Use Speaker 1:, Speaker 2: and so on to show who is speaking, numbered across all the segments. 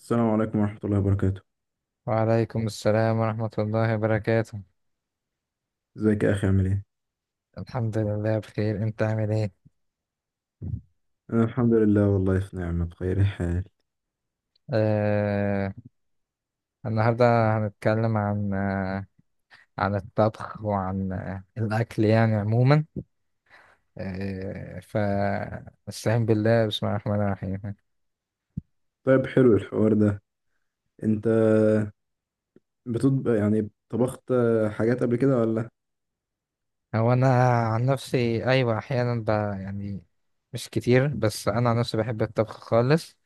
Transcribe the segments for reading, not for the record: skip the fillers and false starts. Speaker 1: السلام عليكم ورحمة الله وبركاته.
Speaker 2: وعليكم السلام ورحمة الله وبركاته.
Speaker 1: ازيك يا أخي؟ عامل ايه؟
Speaker 2: الحمد لله بخير. انت عامل ايه؟
Speaker 1: أنا الحمد لله، والله في نعمة بخير الحال.
Speaker 2: آه النهاردة هنتكلم عن عن الطبخ وعن الأكل يعني عموما. فاستعين بالله، بسم الله الرحمن الرحيم.
Speaker 1: طيب، حلو الحوار ده. انت بتطبخ؟ يعني طبخت حاجات قبل كده ولا؟
Speaker 2: هو أنا عن نفسي أيوة أحيانا يعني مش كتير. بس أنا عن نفسي بحب الطبخ خالص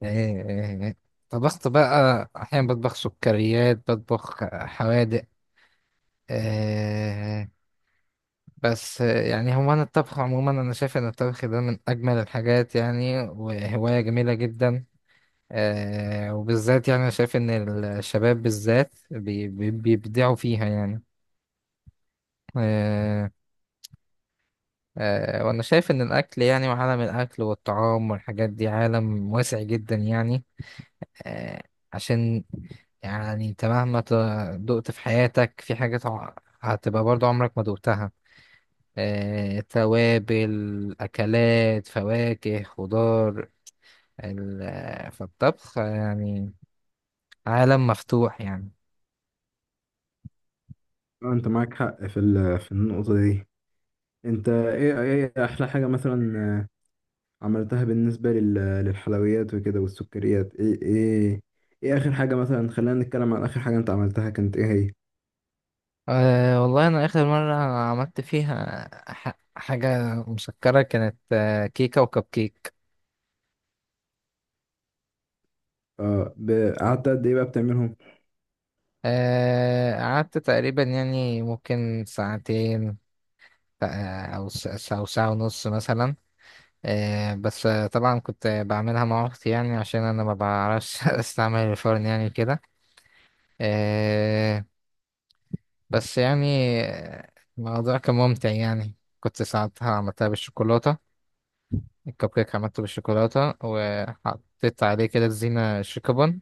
Speaker 2: يعني. طبخت بقى أحيانا بطبخ سكريات بطبخ حوادق. آه، بس يعني هو أنا الطبخ عموما أنا شايف إن الطبخ ده من أجمل الحاجات يعني، وهواية جميلة جدا. وبالذات يعني أنا شايف إن الشباب بالذات بيبدعوا فيها يعني. آه وأنا شايف إن الأكل يعني، وعالم الأكل والطعام والحاجات دي عالم واسع جدا يعني. آه عشان يعني أنت مهما دقت في حياتك في حاجات هتبقى برضو عمرك ما دقتها. توابل، أكلات، فواكه، خضار. فالطبخ يعني عالم مفتوح يعني.
Speaker 1: انت معاك حق في في النقطة دي. انت ايه أحلى حاجة مثلا عملتها بالنسبة للحلويات وكده والسكريات؟ ايه آخر حاجة؟ مثلا خلينا نتكلم عن آخر حاجة انت عملتها، كانت ايه هي؟
Speaker 2: أه والله أنا آخر مرة عملت فيها حاجة مسكرة كانت كيكة وكب كيك.
Speaker 1: اه، قعدت قد ايه بقى بتعملهم؟
Speaker 2: قعدت تقريبا يعني ممكن ساعتين، أو أو ساعة ونص مثلا. آه، بس آه، طبعا كنت بعملها مع أختي يعني عشان أنا ما بعرفش أستعمل الفرن يعني كده. بس يعني الموضوع كان ممتع يعني. كنت ساعتها عملتها بالشوكولاتة، الكب كيك عملته بالشوكولاتة وحطيت عليه كده زينة شيكابون.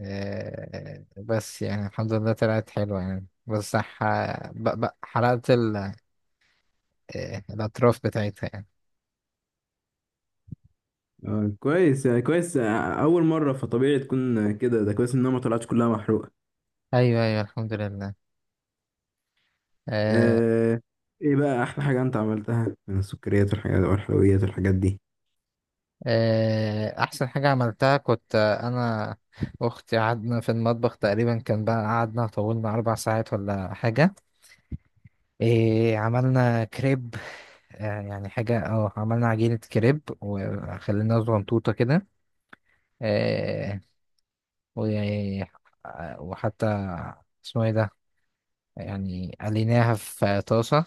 Speaker 2: بس يعني الحمد لله طلعت حلوة يعني، بس حرقت ال... آه، الأطراف بتاعتها يعني.
Speaker 1: كويس يعني، كويس. أول مرة فطبيعي تكون كده. ده كويس إنها ما طلعتش كلها محروقة.
Speaker 2: أيوه أيوه، الحمد لله. آه،
Speaker 1: آه، إيه بقى أحلى حاجة أنت عملتها من السكريات والحاجات والحلويات والحاجات دي؟
Speaker 2: أحسن حاجة عملتها كنت، أنا أختي قعدنا في المطبخ تقريبا، كان بقى قعدنا طولنا 4 ساعات ولا حاجة. إيه، عملنا كريب. يعني حاجة عملنا عجينة كريب وخلينا صغنطوطة كده. آه و- وحتى اسمه ايه ده، يعني قليناها في طاسة.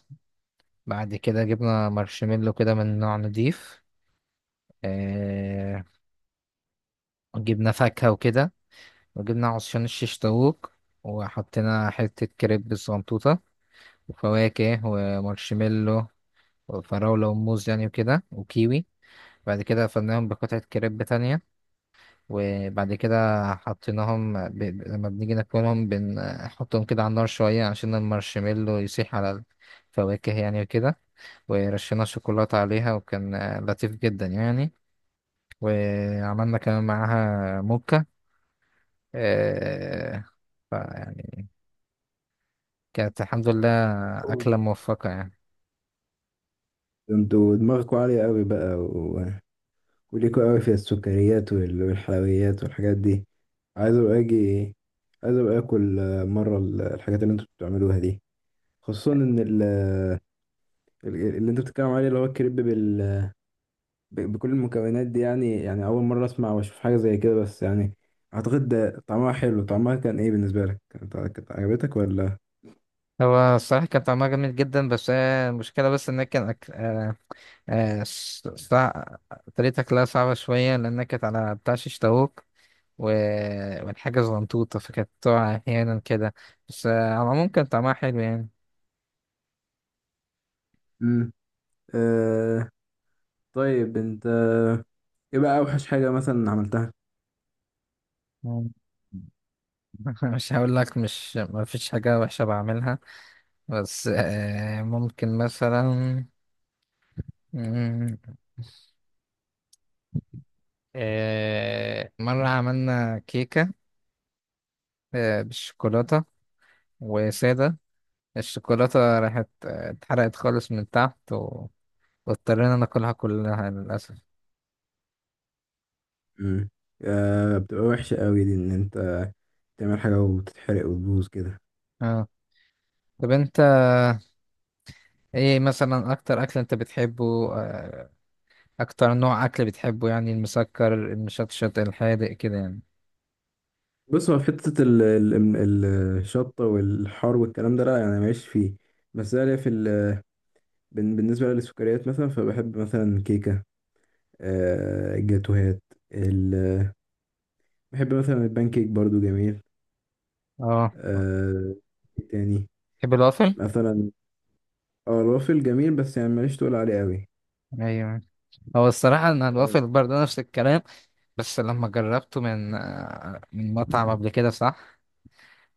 Speaker 2: بعد كده جبنا مارشميلو كده من نوع نضيف، آه وجبنا فاكهة وكده، وجبنا عصيان الشيش طاووق، وحطينا حتة كريب الصغنطوطة وفواكه ومارشميلو وفراولة وموز يعني وكده وكيوي. بعد كده فضيناهم بقطعة كريب تانية. وبعد كده حطيناهم، لما بنيجي ناكلهم بنحطهم كده على النار شوية عشان المارشميلو يسيح على الفواكه يعني وكده. ورشينا شوكولاتة عليها وكان لطيف جدا يعني. وعملنا كمان معاها موكا. آه، فيعني كانت الحمد لله
Speaker 1: أوه،
Speaker 2: أكلة
Speaker 1: ده
Speaker 2: موفقة يعني.
Speaker 1: انتوا دماغكوا عالية قوي بقى، وليكوا قوي في السكريات والحلويات والحاجات دي. عايز ابقى اجي، عايز ابقى اكل مرة الحاجات اللي انتوا بتعملوها دي، خصوصا ان اللي انت بتتكلم عليه اللي هو الكريب بكل المكونات دي. يعني يعني أول مرة أسمع وأشوف حاجة زي كده، بس يعني أعتقد ده طعمها حلو. طعمها كان إيه بالنسبة لك؟ كانت عجبتك ولا؟
Speaker 2: هو الصراحة كان طعمها جميل جدا، بس هي المشكلة بس إن هي كان أكل آه، ص- صع... طريقة أكلها صعبة شوية لأنها كانت على بتاع شيش طاووق و... والحاجة زغنطوطة، فكانت تقع أحيانا كده. بس على العموم كان طعمها حلو يعني.
Speaker 1: مم. آه، طيب أنت إيه بقى أوحش حاجة مثلا عملتها؟
Speaker 2: مم. مش هقول لك، مش ما فيش حاجة وحشة بعملها. بس ممكن مثلا، مم، مرة عملنا كيكة بالشوكولاتة وسادة. الشوكولاتة راحت، اتحرقت خالص من تحت، واضطرينا ناكلها كلها للأسف.
Speaker 1: مم. آه، بتبقى وحشة قوي دي إن أنت تعمل حاجة وتتحرق وتبوظ كده.
Speaker 2: اه، طب انت ايه مثلا اكتر اكل انت بتحبه، آه، اكتر نوع اكل بتحبه يعني، المسكر المشطشط الحادق كده يعني؟
Speaker 1: بص، هو في حتة الشطة والحار والكلام ده لا، يعني ماليش فيه. بس أنا ليا في بالنسبة للسكريات، مثلا فبحب مثلا كيكة، جاتوهات. بحب مثلا البان كيك برضو، جميل.
Speaker 2: اه،
Speaker 1: آه، إيه تاني
Speaker 2: تحب الوافل؟
Speaker 1: مثلا؟ اه، الوافل جميل بس يعني ماليش تقول عليه قوي.
Speaker 2: ايوه. هو الصراحه ان
Speaker 1: آه،
Speaker 2: الوافل برضه نفس الكلام. بس لما جربته من مطعم قبل كده، صح.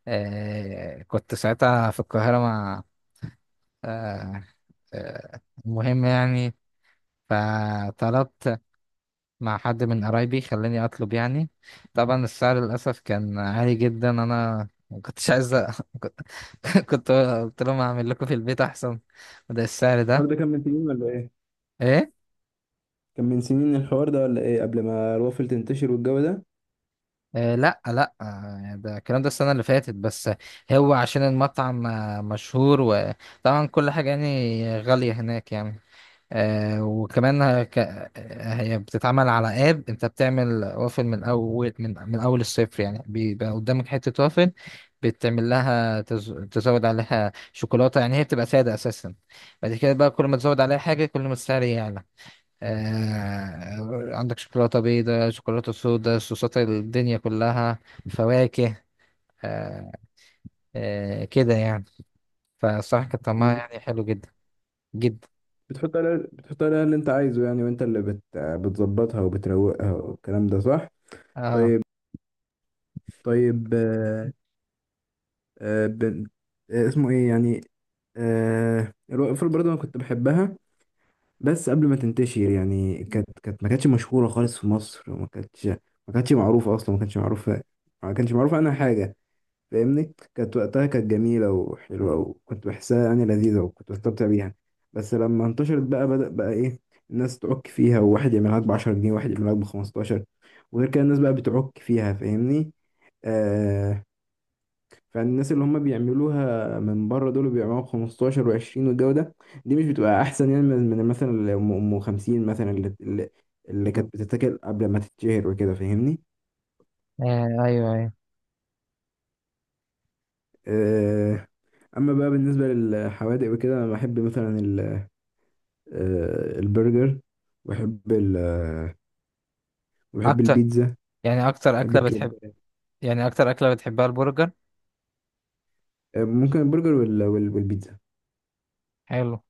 Speaker 2: كنت ساعتها في القاهره مع آه آه المهم يعني، فطلبت مع حد من قرايبي، خلاني اطلب يعني. طبعا السعر للاسف كان عالي جدا، انا ما كنتش عايز كنت قلت لهم اعمل لكم في البيت احسن، وده السعر
Speaker 1: الحوار
Speaker 2: ده.
Speaker 1: ده كان من سنين ولا ايه؟
Speaker 2: ايه؟
Speaker 1: كان من سنين الحوار ده ولا ايه، قبل ما الوافل تنتشر والجو ده؟
Speaker 2: لا لا، يعني ده الكلام ده السنه اللي فاتت بس. هو عشان المطعم مشهور، وطبعا كل حاجه يعني غاليه هناك يعني. آه وكمان هك... هي بتتعمل على اب، انت بتعمل وافل من اول، من اول الصفر يعني. بيبقى قدامك حتة وافل بتعمل لها تزود عليها شوكولاتة يعني، هي بتبقى سادة اساسا. بعد كده بقى كل ما تزود عليها حاجة كل ما السعر يعلى. عندك شوكولاتة بيضاء، شوكولاتة سودا، صوصات الدنيا كلها، فواكه آه... كده يعني. فالصراحة كانت طعمها
Speaker 1: مم.
Speaker 2: يعني حلو جدا جدا.
Speaker 1: بتحط عليها، بتحط عليها اللي انت عايزه يعني، وانت اللي بتظبطها وبتروقها والكلام ده، صح؟
Speaker 2: اه
Speaker 1: طيب، طيب آه آه بن... آه اسمه ايه يعني؟ آه، الوافل برضه انا كنت بحبها بس قبل ما تنتشر. يعني كانت ما كانتش مشهورة خالص في مصر، وما كانتش معروفة أصلا، ما كانش معروفة عنها حاجة، فاهمني؟ كانت وقتها كانت جميلة وحلوة، وكنت بحسها يعني لذيذة وكنت بستمتع بيها. بس لما انتشرت بقى، بدأ بقى إيه الناس تعك فيها، وواحد يعمل لك بـ10 جنيه، وواحد يعمل لك بـ15، وغير كده الناس بقى بتعك فيها، فاهمني؟ آه، فالناس اللي هم بيعملوها من بره دول بيعملوها ب 15 و20 والجو ده، دي مش بتبقى احسن يعني من مثلا اللي ام أم 50 مثلا، اللي كانت بتتاكل قبل ما تتشهر وكده، فاهمني؟
Speaker 2: ايوه ايوه،
Speaker 1: آه، اما بقى بالنسبه للحوادق وكده، انا بحب مثلا البرجر، وبحب ال آه، وبحب
Speaker 2: اكتر
Speaker 1: البيتزا،
Speaker 2: يعني اكتر
Speaker 1: بحب
Speaker 2: اكله
Speaker 1: الكريب.
Speaker 2: بتحب، يعني اكتر اكله بتحبها البرجر؟
Speaker 1: ممكن البرجر والبيتزا.
Speaker 2: حلو،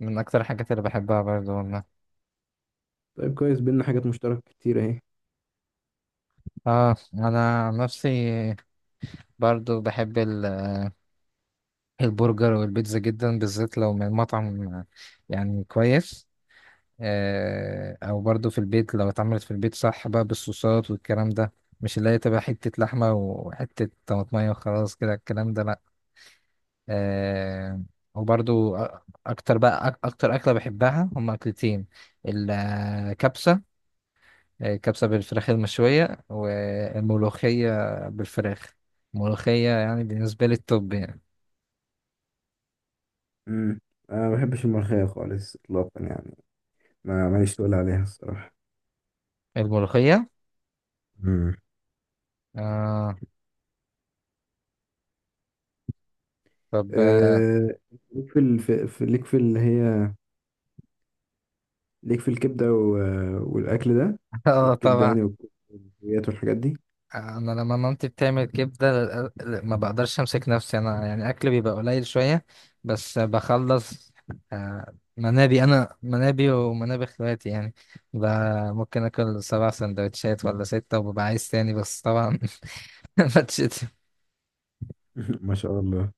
Speaker 2: من اكتر الحاجات اللي بحبها برضو والله.
Speaker 1: طيب، كويس، بينا حاجات مشتركه كتير اهي.
Speaker 2: اه، انا عن نفسي برضو بحب البرجر والبيتزا جدا، بالذات لو من مطعم يعني كويس. او برضو في البيت لو اتعملت في البيت صح بقى بالصوصات والكلام ده، مش اللي هي تبقى حتة لحمة وحتة طماطمية وخلاص كده الكلام ده، لأ. آه وبرضو أ- أكتر بقى أكتر أكلة بحبها هما أكلتين، الكبسة، كبسة بالفراخ المشوية، والملوخية بالفراخ. الملوخية يعني بالنسبة لي التوب يعني.
Speaker 1: امم، انا ما بحبش الملوخيه خالص اطلاقا يعني، ما ماليش تقول عليها الصراحه.
Speaker 2: الملوخية.
Speaker 1: مم.
Speaker 2: آه طب، اه.
Speaker 1: آه، ليك في ليك في اللي هي، ليك في الكبدة والأكل ده، والكبدة
Speaker 2: طبعا.
Speaker 1: يعني، والكليات والحاجات دي؟
Speaker 2: انا لما مامتي بتعمل كبدة ما بقدرش امسك نفسي، انا يعني اكل بيبقى قليل شوية، بس بخلص. منابي، انا منابي ومنابي اخواتي يعني. ب- ممكن اكل 7 سندوتشات ولا 6 وببقى عايز تاني، بس طبعا ما،
Speaker 1: ما شاء الله،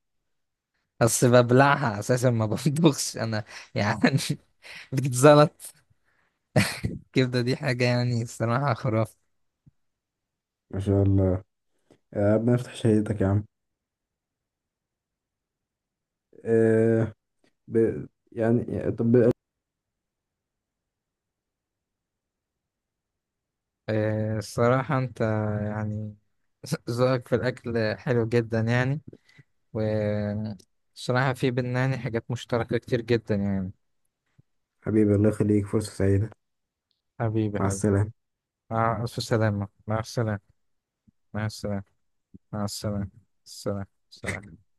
Speaker 2: بس ببلعها اساسا، ما بطبخش انا يعني. بتزلط. الكبده دي حاجه يعني الصراحه خرافه.
Speaker 1: ما شاء الله، يا ربنا يفتح شهيتك يا عم. آه، ب... يعني طب،
Speaker 2: الصراحه انت يعني ذوقك في الاكل حلو جدا يعني، والصراحه في بينا يعني حاجات مشتركه كتير جدا يعني.
Speaker 1: حبيبي الله يخليك، فرصة سعيدة.
Speaker 2: حبيبي
Speaker 1: مع
Speaker 2: حبيبي،
Speaker 1: السلامة.
Speaker 2: مع الف سلامه، مع السلامه، مع السلامه، مع السلامه، السلام سلام.